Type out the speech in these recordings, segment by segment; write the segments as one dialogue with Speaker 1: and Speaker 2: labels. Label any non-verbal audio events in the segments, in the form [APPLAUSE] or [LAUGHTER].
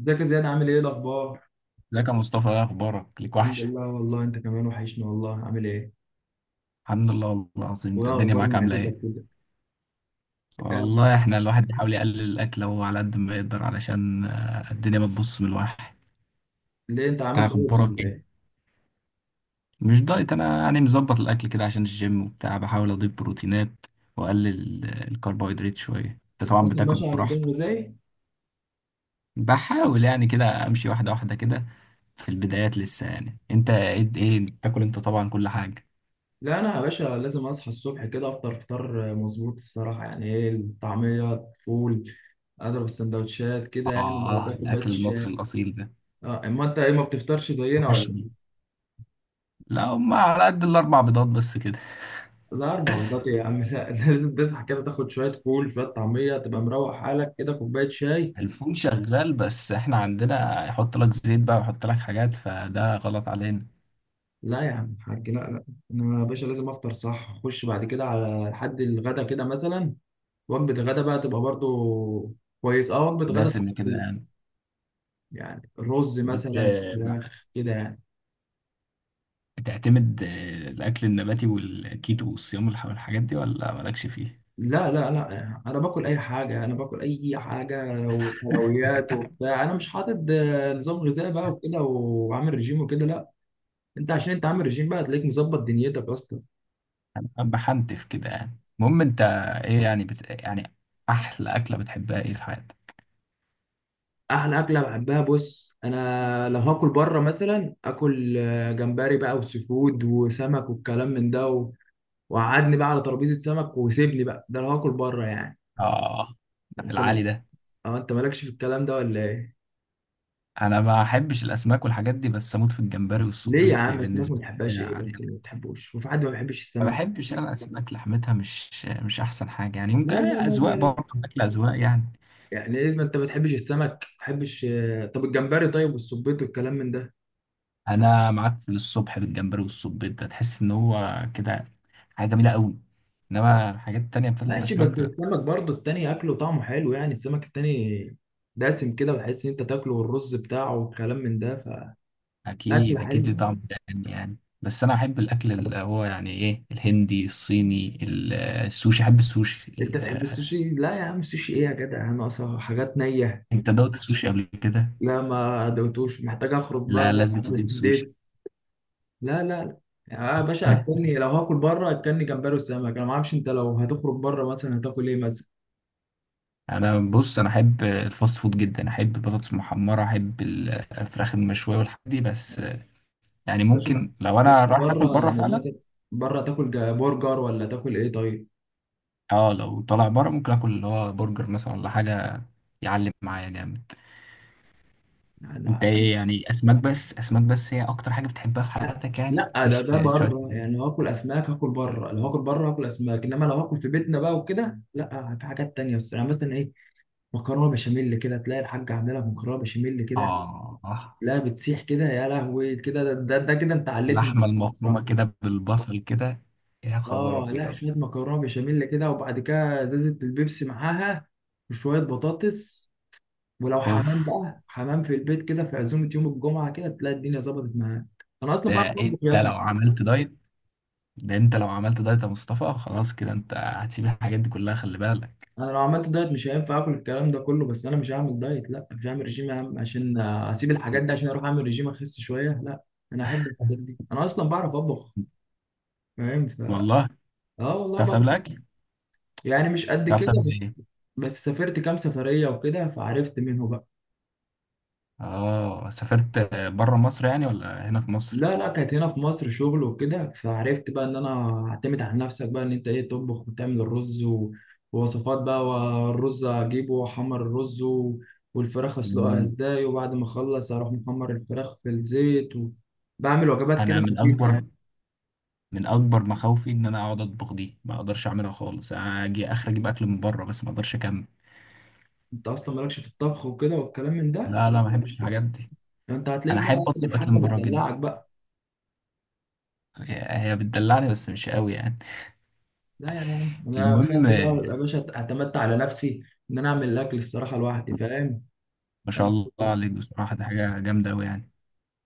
Speaker 1: ازيك يا زياد؟ عامل ايه الاخبار؟
Speaker 2: ازيك يا مصطفى؟ ايه اخبارك؟ ليك
Speaker 1: الحمد
Speaker 2: وحشه.
Speaker 1: لله والله، انت كمان وحشني والله. عامل ايه؟
Speaker 2: الحمد لله والله العظيم، انت
Speaker 1: وايه
Speaker 2: الدنيا
Speaker 1: اخبار
Speaker 2: معاك عامله
Speaker 1: معدتك
Speaker 2: ايه؟
Speaker 1: كده؟ آه.
Speaker 2: والله احنا الواحد بيحاول يقلل الاكل هو على قد ما يقدر علشان الدنيا ما تبص من الواحد.
Speaker 1: ليه انت عامل
Speaker 2: انت
Speaker 1: دايت
Speaker 2: اخبارك
Speaker 1: ولا
Speaker 2: ايه؟
Speaker 1: ايه؟
Speaker 2: مش دايت، انا يعني مظبط الاكل كده عشان الجيم وبتاع، بحاول اضيف بروتينات واقلل الكربوهيدرات شويه، انت
Speaker 1: انت
Speaker 2: طبعا
Speaker 1: اصلا
Speaker 2: بتاكل
Speaker 1: ماشي على نظام
Speaker 2: براحتك.
Speaker 1: غذائي؟
Speaker 2: بحاول يعني كده امشي واحده واحده كده، في البدايات لسه يعني. انت ايه بتاكل؟ انت طبعا كل حاجه.
Speaker 1: لا انا يا باشا لازم اصحى الصبح كده افطر فطار مظبوط الصراحه. يعني ايه، الطعميه، فول، اضرب السندوتشات كده، يعني لو
Speaker 2: اه،
Speaker 1: كده كوبايه
Speaker 2: الاكل المصري
Speaker 1: الشاي.
Speaker 2: الاصيل ده.
Speaker 1: اه، اما انت ايه، ما بتفطرش زينا ولا؟
Speaker 2: وحشني.
Speaker 1: إيه؟
Speaker 2: لا، هم على قد الاربع بيضات بس كده.
Speaker 1: لا 4 بيضات ايه يا عم؟ لا [LAUGHS] لازم تصحى كده تاخد شويه فول شويه طعميه تبقى مروق حالك كده كوبايه شاي.
Speaker 2: الفول شغال، بس احنا عندنا يحط لك زيت بقى ويحط لك حاجات، فده غلط علينا.
Speaker 1: لا يا عم الحاج، لا لا. انا يا باشا لازم افطر صح، اخش بعد كده على لحد الغدا كده مثلا. وجبه الغدا بقى تبقى برضو كويس. اه، وجبه غدا
Speaker 2: دسم كده
Speaker 1: صحية.
Speaker 2: يعني.
Speaker 1: يعني رز
Speaker 2: بت...
Speaker 1: مثلا فراخ كده يعني.
Speaker 2: بتعتمد الاكل النباتي والكيتو والصيام والحاجات دي ولا مالكش فيه؟
Speaker 1: لا لا لا، يعني انا باكل اي حاجه، انا باكل اي حاجه وحلويات وبتاع، انا مش حاطط نظام غذائي بقى وكده، وعامل رجيم وكده، لا. انت عشان انت عامل رجيم بقى هتلاقيك مظبط دنيتك اصلا.
Speaker 2: أنا بحنتف كده يعني. المهم انت، ايه يعني يعني احلى اكله بتحبها ايه في حياتك؟
Speaker 1: احلى اكله بحبها، بص انا لو هاكل بره مثلا اكل جمبري بقى وسيفود وسمك والكلام من ده، وقعدني بقى على ترابيزه سمك وسيبني بقى، ده لو هاكل بره يعني.
Speaker 2: اه، ده في
Speaker 1: انت
Speaker 2: العالي
Speaker 1: م-
Speaker 2: ده.
Speaker 1: اه، انت مالكش في الكلام ده ولا ايه؟
Speaker 2: انا ما احبش الاسماك والحاجات دي، بس اموت في الجمبري
Speaker 1: ليه يا
Speaker 2: والصبيط
Speaker 1: عم؟ السمك ما
Speaker 2: بالنسبه لي،
Speaker 1: بتحبهاش؟ ايه بس
Speaker 2: يعني
Speaker 1: اللي ما بتحبوش؟ وفي حد ما بيحبش
Speaker 2: ما
Speaker 1: السمك؟
Speaker 2: بحبش انا الاسماك، لحمتها مش احسن حاجه يعني، ممكن
Speaker 1: لا لا لا لا
Speaker 2: اذواق،
Speaker 1: لا.
Speaker 2: برضه الاكل اذواق يعني.
Speaker 1: يعني ايه ما انت ما بتحبش السمك، ما بتحبش طب الجمبري طيب والسبيط والكلام من ده؟
Speaker 2: انا معاك في الصبح، بالجمبري والصبيط ده تحس ان هو كده حاجه جميله قوي، انما الحاجات التانية بتاعت
Speaker 1: ماشي،
Speaker 2: الاسماك
Speaker 1: بس
Speaker 2: ده لأ.
Speaker 1: السمك برضو التاني اكله طعمه حلو، يعني السمك التاني دسم كده وتحس ان انت تاكله والرز بتاعه والكلام من ده، فاكل
Speaker 2: اكيد اكيد،
Speaker 1: حلو.
Speaker 2: ليه طعم تاني يعني. بس انا احب الاكل اللي هو يعني ايه الهندي الصيني، السوشي، احب السوشي
Speaker 1: انت تحب السوشي؟ لا يا عم السوشي ايه يا جدع، انا اصلا حاجات نية.
Speaker 2: انت دوت السوشي قبل كده؟
Speaker 1: لا ما دوتوش، محتاج اخرج بقى.
Speaker 2: لا، لازم
Speaker 1: مع
Speaker 2: تدوق السوشي.
Speaker 1: الديت؟ لا لا لا. آه يا باشا،
Speaker 2: [LAUGHS]
Speaker 1: اكلني لو هاكل بره اكلني جمبري وسمك. انا ما اعرفش انت لو هتخرج بره مثلا هتاكل ايه مثلا؟
Speaker 2: بص انا احب الفاست فود جدا، احب البطاطس المحمره، احب الفراخ المشويه والحاجات دي، بس يعني
Speaker 1: بس
Speaker 2: ممكن لو
Speaker 1: بس
Speaker 2: انا رايح اكل
Speaker 1: بره
Speaker 2: بره
Speaker 1: يعني
Speaker 2: فعلا.
Speaker 1: مثلا، بره تاكل برجر ولا تاكل ايه طيب؟
Speaker 2: اه، لو طالع بره ممكن اكل اللي هو برجر مثلا ولا حاجه، يعلم، معايا جامد. انت
Speaker 1: يعني،
Speaker 2: ايه يعني؟ اسماك بس، اسماك بس هي اكتر حاجه بتحبها في
Speaker 1: لا
Speaker 2: حياتك يعني؟
Speaker 1: لا، ده
Speaker 2: مفيش شويه؟
Speaker 1: بره، يعني لو هاكل اسماك هاكل بره، لو هاكل بره هاكل اسماك، انما لو هاكل في بيتنا بقى وكده، لا، في حاجات تانية بس، يعني مثلا ايه، مكرونه بشاميل كده، تلاقي الحاجه عامله لك مكرونه بشاميل كده.
Speaker 2: اه، آه.
Speaker 1: لا، بتسيح كده يا لهوي كده، ده كده انت علتني.
Speaker 2: اللحمه المفرومه
Speaker 1: صح.
Speaker 2: كده بالبصل كده، يا خبر
Speaker 1: اه لا،
Speaker 2: ابيض.
Speaker 1: شويه مكرونه بشاميل كده، وبعد كده ازازه البيبسي معاها، وشويه بطاطس. ولو حمام
Speaker 2: اوف.
Speaker 1: بقى، حمام في البيت كده، في عزومه يوم الجمعه كده، تلاقي الدنيا ظبطت معاك. انا اصلا
Speaker 2: ده
Speaker 1: بعرف
Speaker 2: إيه؟
Speaker 1: اطبخ يا
Speaker 2: انت لو
Speaker 1: ابني.
Speaker 2: عملت دايت؟ ده انت لو عملت دايت يا مصطفى، خلاص كده انت هتسيب الحاجات دي كلها، خلي بالك.
Speaker 1: انا لو عملت دايت مش هينفع اكل الكلام ده كله. بس انا مش هعمل دايت، لا مش هعمل رجيم يا عم عشان اسيب الحاجات دي، عشان اروح اعمل رجيم اخس شويه، لا. انا احب الحاجات دي، انا اصلا بعرف اطبخ. فاهم.
Speaker 2: والله،
Speaker 1: اه والله
Speaker 2: تعرف
Speaker 1: بعرف،
Speaker 2: تعمل اكل؟
Speaker 1: يعني مش قد
Speaker 2: تعرف
Speaker 1: كده
Speaker 2: تعمل
Speaker 1: بس.
Speaker 2: ايه؟
Speaker 1: بس سافرت كام سفريه وكده فعرفت منه بقى.
Speaker 2: اه، سافرت؟ بره مصر يعني ولا هنا في مصر؟
Speaker 1: لا لا، كانت هنا في مصر شغل وكده، فعرفت بقى ان انا اعتمد على نفسك بقى، ان انت ايه تطبخ وتعمل الرز، ووصفات بقى، والرز اجيبه واحمر الرز، والفراخ اسلقها
Speaker 2: مم.
Speaker 1: ازاي، وبعد ما اخلص اروح محمر الفراخ في الزيت بعمل وجبات كده
Speaker 2: انا من
Speaker 1: خفيفة
Speaker 2: اكبر
Speaker 1: يعني.
Speaker 2: من اكبر مخاوفي ان انا اقعد اطبخ، دي ما اقدرش اعملها خالص، انا اجي اخر اجيب اكل من بره بس ما اقدرش اكمل.
Speaker 1: انت اصلا مالكش في الطبخ وكده والكلام من ده؟
Speaker 2: لا لا، ما بحبش الحاجات دي،
Speaker 1: يعني انت هتلاقيك
Speaker 2: انا
Speaker 1: بقى
Speaker 2: احب
Speaker 1: قاعد
Speaker 2: اطلب اكل
Speaker 1: الحاجة
Speaker 2: من بره جدا،
Speaker 1: بتدلعك بقى.
Speaker 2: هي بتدلعني بس مش قوي يعني.
Speaker 1: لا يا عم، انا
Speaker 2: المهم،
Speaker 1: خدت بقى يا باشا، اعتمدت على نفسي ان انا اعمل الاكل الصراحة لوحدي.
Speaker 2: ما شاء
Speaker 1: فاهم؟
Speaker 2: الله عليك بصراحه، دي حاجه جامده قوي يعني.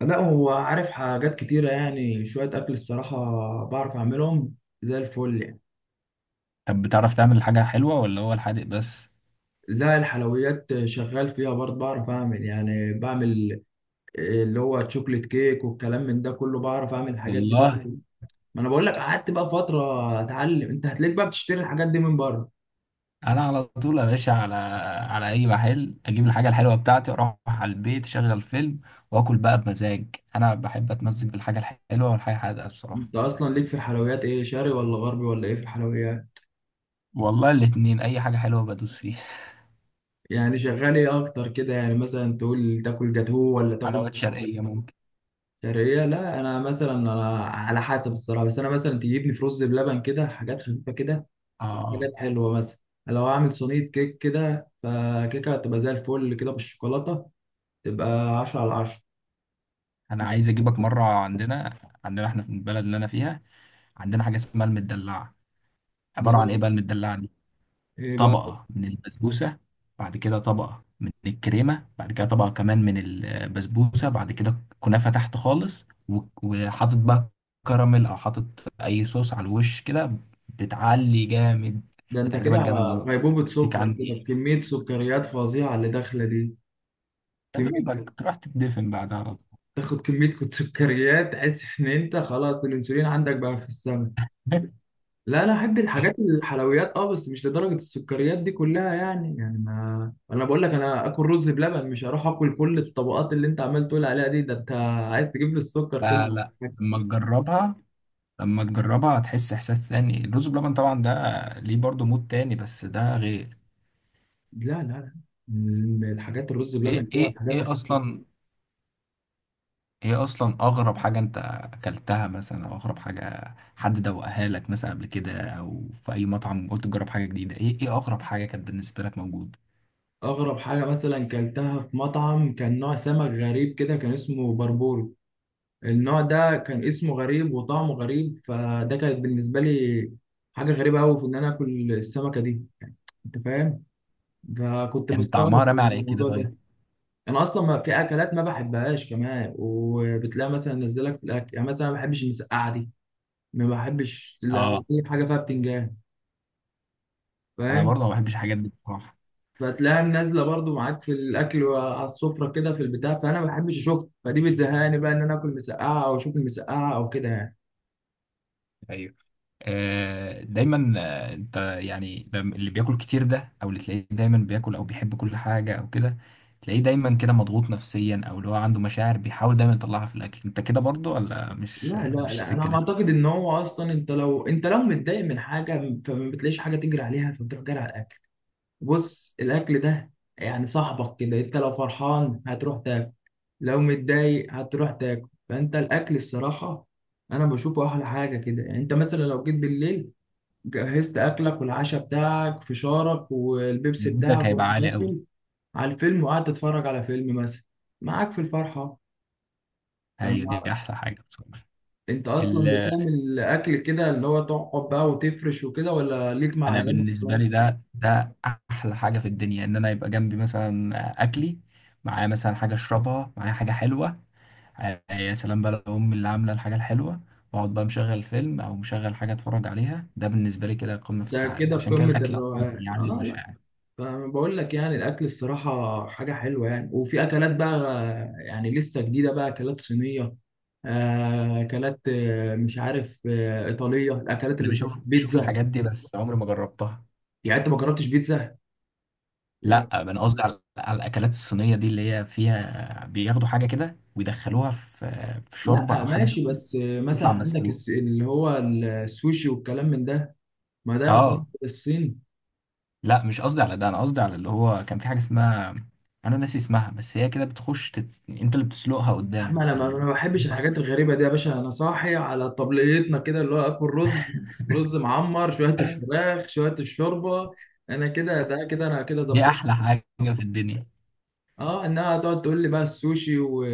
Speaker 1: لا هو عارف حاجات كتيرة، يعني شوية أكل الصراحة بعرف أعملهم، زي الفل يعني.
Speaker 2: طب بتعرف تعمل حاجة حلوة ولا هو الحادق بس؟
Speaker 1: لا الحلويات شغال فيها برضه، بعرف أعمل يعني، بعمل اللي هو تشوكليت كيك والكلام من ده كله، بعرف أعمل الحاجات دي برضه.
Speaker 2: والله،
Speaker 1: ما أنا بقول لك، قعدت بقى فترة أتعلم. أنت هتلاقيك بقى بتشتري الحاجات دي من بره.
Speaker 2: أنا على طول يا باشا، على أي محل أجيب الحاجة الحلوة بتاعتي وأروح على البيت، أشغل فيلم وآكل بقى بمزاج. أنا بحب أتمزج بالحاجة الحلوة والحاجة الحادقة بصراحة.
Speaker 1: أنت أصلا ليك في الحلويات إيه، شرقي ولا غربي ولا إيه في الحلويات؟
Speaker 2: والله الاتنين، أي حاجة حلوة بدوس فيها.
Speaker 1: يعني شغال إيه أكتر كده، يعني مثلا تقول تاكل جاتوه ولا
Speaker 2: [LAUGHS]
Speaker 1: تاكل
Speaker 2: حلويات شرقية ممكن.
Speaker 1: شرقية؟ لا أنا مثلا، أنا على حسب الصراحة، بس أنا مثلا تجيبني في رز بلبن كده، حاجات خفيفة كده،
Speaker 2: آه.
Speaker 1: حاجات حلوة مثلا. لو أعمل صينية كيك كده، فكيكة هتبقى زي الفل كده بالشوكولاتة، تبقى 10/10.
Speaker 2: أنا عايز أجيبك مرة عندنا، عندنا إحنا في البلد اللي أنا فيها، عندنا حاجة اسمها المدلعة.
Speaker 1: اللي
Speaker 2: عبارة عن إيه
Speaker 1: هو
Speaker 2: بقى المدلعة؟
Speaker 1: إيه بقى،
Speaker 2: طبقة من البسبوسة، بعد كده طبقة من الكريمة، بعد كده طبقة كمان من البسبوسة، بعد كده كنافة تحت خالص، وحاطط بقى كراميل أو حاطط أي صوص على الوش كده، بتعلي جامد،
Speaker 1: ده أنت كده
Speaker 2: هتعجبك جامد موت.
Speaker 1: غيبوبة
Speaker 2: ليك
Speaker 1: سكر
Speaker 2: عندي
Speaker 1: كده،
Speaker 2: إيه؟
Speaker 1: بكمية سكريات فظيعة اللي داخلة دي.
Speaker 2: يا
Speaker 1: كمية،
Speaker 2: دوبك تروح تدفن بعدها على طول.
Speaker 1: تاخد كمية سكريات تحس إن أنت خلاص الأنسولين عندك بقى في السما.
Speaker 2: [LAUGHS]
Speaker 1: لا انا احب الحاجات الحلويات اه، بس مش لدرجه السكريات دي كلها. يعني ما انا بقول لك، انا اكل رز بلبن، مش هروح اكل كل الطبقات اللي انت عمال تقول عليها دي. ده انت عايز تجيب لي السكر
Speaker 2: لا
Speaker 1: كده،
Speaker 2: لا،
Speaker 1: لا
Speaker 2: لما تجربها، لما تجربها هتحس إحساس تاني. الرز بلبن طبعا ده ليه برضه مود تاني، بس ده غير.
Speaker 1: لا لا. من الحاجات الرز بلبن
Speaker 2: ايه
Speaker 1: دي،
Speaker 2: ايه
Speaker 1: الحاجات،
Speaker 2: ايه اصلا ايه اصلا اغرب حاجة انت اكلتها مثلا، او اغرب حاجة حد دوقها لك مثلا قبل كده، او في اي مطعم قلت تجرب حاجة جديدة، ايه اغرب حاجة كانت بالنسبة لك موجود؟
Speaker 1: اغرب حاجه مثلا كلتها في مطعم كان نوع سمك غريب كده، كان اسمه بربورو. النوع ده كان اسمه غريب وطعمه غريب، فده كانت بالنسبه لي حاجه غريبه قوي في ان انا اكل السمكه دي. انت فاهم، فكنت
Speaker 2: يعني
Speaker 1: مستغرب
Speaker 2: طعمها
Speaker 1: من
Speaker 2: رامي على ايه كده
Speaker 1: الموضوع ده.
Speaker 2: طيب؟
Speaker 1: انا اصلا ما في اكلات ما بحبهاش كمان، وبتلاقي مثلا نزلك في الاكل، يعني مثلا ما بحبش المسقعه دي، ما بحبش لا
Speaker 2: اه،
Speaker 1: اي حاجه فيها بتنجان.
Speaker 2: انا
Speaker 1: فاهم؟
Speaker 2: برضه ما بحبش الحاجات دي بصراحة.
Speaker 1: فتلاقيها نازله برضو معاك في الاكل وعلى السفره كده في البتاع، فانا ما بحبش اشوفها، فدي بتزهقني بقى ان انا اكل مسقعه او اشوف المسقعه او كده يعني.
Speaker 2: ايوه. دايما، انت يعني اللي بياكل كتير ده، او اللي تلاقيه دايما بياكل او بيحب كل حاجة او كده، تلاقيه دايما كده مضغوط نفسيا، او اللي هو عنده مشاعر بيحاول دايما يطلعها في الاكل، انت كده برضه ولا مش
Speaker 1: لا لا
Speaker 2: مش
Speaker 1: لا،
Speaker 2: السكة
Speaker 1: انا
Speaker 2: ده؟
Speaker 1: اعتقد ان هو اصلا انت لو متضايق من حاجه فما بتلاقيش حاجه تجري عليها، فبتروح جري على الاكل. بص الاكل ده يعني صاحبك كده، انت لو فرحان هتروح تاكل، لو متضايق هتروح تاكل، فانت الاكل الصراحه انا بشوفه احلى حاجه كده. يعني انت مثلا لو جيت بالليل، جهزت اكلك والعشاء بتاعك، فشارك والبيبسي
Speaker 2: ده
Speaker 1: بتاعك، ورحت
Speaker 2: هيبقى عالي قوي.
Speaker 1: داخل على الفيلم وقعدت تتفرج على فيلم مثلا معاك في الفرحه. فأنا
Speaker 2: هي
Speaker 1: مع-
Speaker 2: دي احلى حاجه بصراحه.
Speaker 1: انت اصلا
Speaker 2: ال-
Speaker 1: بتعمل اكل كده اللي هو تقعد بقى وتفرش وكده، ولا ليك مع
Speaker 2: انا
Speaker 1: العيله
Speaker 2: بالنسبه لي
Speaker 1: خلاص؟
Speaker 2: ده احلى حاجه في الدنيا، ان انا يبقى جنبي مثلا اكلي، معايا مثلا حاجه اشربها، معايا حاجه حلوه، يا سلام بقى لو امي اللي عامله الحاجه الحلوه، واقعد بقى مشغل فيلم او مشغل حاجه اتفرج عليها، ده بالنسبه لي كده قمه في
Speaker 1: ده
Speaker 2: السعاده،
Speaker 1: كده في
Speaker 2: عشان كده
Speaker 1: قمه
Speaker 2: الاكل اصلا
Speaker 1: الروقان.
Speaker 2: بيعلي
Speaker 1: اه لا،
Speaker 2: المشاعر.
Speaker 1: فبقول لك يعني الاكل الصراحه حاجه حلوه. يعني وفي اكلات بقى، يعني لسه جديده بقى، اكلات صينيه، اكلات مش عارف ايطاليه، الاكلات
Speaker 2: انا
Speaker 1: الايطاليه،
Speaker 2: بشوف
Speaker 1: بيتزا.
Speaker 2: الحاجات دي بس عمري ما جربتها.
Speaker 1: يعني انت ما جربتش بيتزا
Speaker 2: لا،
Speaker 1: يعني؟
Speaker 2: انا قصدي على الاكلات الصينيه دي، اللي هي فيها بياخدوا حاجه كده ويدخلوها في شوربه
Speaker 1: لا
Speaker 2: او حاجه
Speaker 1: ماشي،
Speaker 2: سخنه،
Speaker 1: بس مثلا
Speaker 2: تطلع
Speaker 1: عندك
Speaker 2: مسلوقه.
Speaker 1: اللي هو السوشي والكلام من ده. ما ده يعتبر
Speaker 2: اه
Speaker 1: الصين.
Speaker 2: لا، مش قصدي على ده، انا قصدي على اللي هو كان في حاجه اسمها، انا ناسي اسمها، بس هي كده بتخش انت اللي بتسلقها
Speaker 1: يا
Speaker 2: قدامك
Speaker 1: عم انا ما أنا ما بحبش الحاجات الغريبه دي يا باشا. انا صاحي على طبليتنا كده، اللي هو اكل رز، رز معمر شويه،
Speaker 2: [LAUGHS]
Speaker 1: الفراخ، شويه الشوربه، انا كده، ده كده انا كده
Speaker 2: دي
Speaker 1: ظبطت.
Speaker 2: احلى حاجه في الدنيا.
Speaker 1: اه، انها تقعد تقول لي بقى السوشي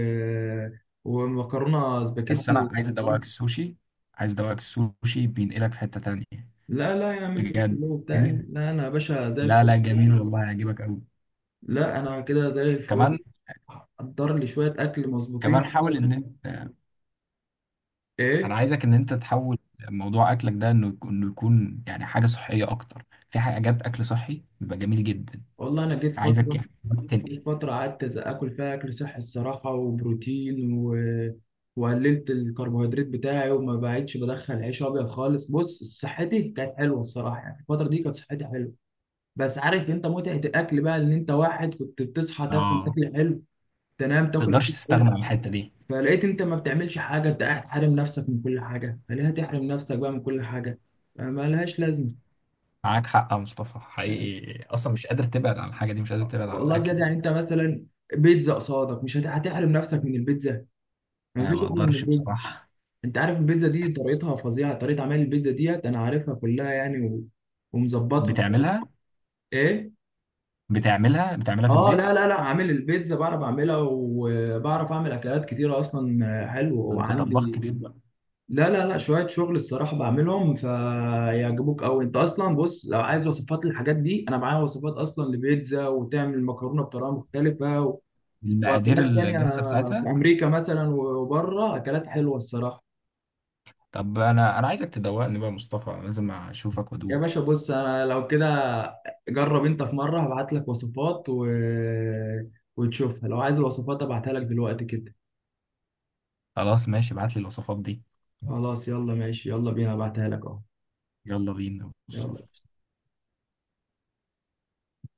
Speaker 1: ومكرونه
Speaker 2: بس
Speaker 1: سباكيتي.
Speaker 2: انا عايز ادوقك السوشي، عايز ادوقك السوشي، بينقلك في حته تانية،
Speaker 1: لا لا يا عم، السوشي
Speaker 2: بجد.
Speaker 1: اللي هو بتاعي، لا، انا يا باشا زي
Speaker 2: لا
Speaker 1: الفل.
Speaker 2: لا، جميل والله، هيعجبك قوي
Speaker 1: لا انا كده زي الفل.
Speaker 2: كمان.
Speaker 1: قدر لي شويه اكل
Speaker 2: كمان
Speaker 1: مظبوطين
Speaker 2: حاول
Speaker 1: كده.
Speaker 2: ان انت، انا
Speaker 1: ايه
Speaker 2: عايزك ان انت تحول موضوع اكلك ده انه يكون يعني حاجه صحيه اكتر، في حاجات اكل صحي بيبقى جميل جدا،
Speaker 1: والله، انا جيت
Speaker 2: عايزك
Speaker 1: فتره،
Speaker 2: يعني تنقل.
Speaker 1: جيت فترة قعدت آكل فيها أكل صحي الصراحة، وبروتين، وقللت الكربوهيدرات بتاعي، وما بقتش بدخل عيش أبيض خالص. بص صحتي كانت حلوة الصراحة، يعني الفترة دي كانت صحتي حلوة. بس عارف أنت متعة الأكل بقى؟ إن أنت واحد كنت بتصحى تاكل
Speaker 2: اه،
Speaker 1: أكل حلو، تنام تاكل
Speaker 2: تقدرش
Speaker 1: أكل حلو،
Speaker 2: تستغنى عن الحتة دي؟
Speaker 1: فلقيت أنت ما بتعملش حاجة، أنت قاعد حارم نفسك من كل حاجة. فليه هتحرم نفسك بقى من كل حاجة؟ ملهاش لازمة.
Speaker 2: معاك حق يا مصطفى حقيقي، أصلا مش قادر تبعد عن الحاجة دي، مش قادر تبعد عن
Speaker 1: والله
Speaker 2: الأكل.
Speaker 1: زيادة يعني، أنت مثلا بيتزا قصادك، مش هتحرم نفسك من البيتزا.
Speaker 2: يعني
Speaker 1: مفيش
Speaker 2: ما
Speaker 1: أحلى من
Speaker 2: أقدرش
Speaker 1: البيتزا.
Speaker 2: بصراحة.
Speaker 1: انت عارف البيتزا دي طريقتها فظيعه، طريقه عمل البيتزا ديت انا عارفها كلها يعني، ومظبطها بصراحه.
Speaker 2: بتعملها
Speaker 1: ايه،
Speaker 2: بتعملها في
Speaker 1: اه لا
Speaker 2: البيت؟
Speaker 1: لا لا، عامل البيتزا، بعرف اعملها، وبعرف اعمل اكلات كتيره اصلا حلوه،
Speaker 2: ده أنت طباخ
Speaker 1: وعندي،
Speaker 2: كبير بقى.
Speaker 1: لا لا لا، شويه شغل الصراحه بعملهم فيعجبوك قوي. انت اصلا بص لو عايز وصفات للحاجات دي، انا معايا وصفات اصلا لبيتزا، وتعمل مكرونه بطريقه مختلفه،
Speaker 2: المقادير
Speaker 1: واكلات تانية
Speaker 2: الجاهزة بتاعتها.
Speaker 1: في امريكا مثلا وبره، اكلات حلوه الصراحه.
Speaker 2: طب أنا عايزك تدوقني بقى يا مصطفى، أنا لازم أشوفك
Speaker 1: يا
Speaker 2: وأدوق.
Speaker 1: باشا بص، انا لو كده، جرب انت، في مره هبعت لك وصفات وتشوفها. لو عايز الوصفات ابعتها لك دلوقتي كده.
Speaker 2: خلاص ماشي، ابعت لي الوصفات دي.
Speaker 1: خلاص يلا ماشي، يلا بينا ابعتها لك اهو.
Speaker 2: يلا بينا يا
Speaker 1: يلا.
Speaker 2: مصطفى.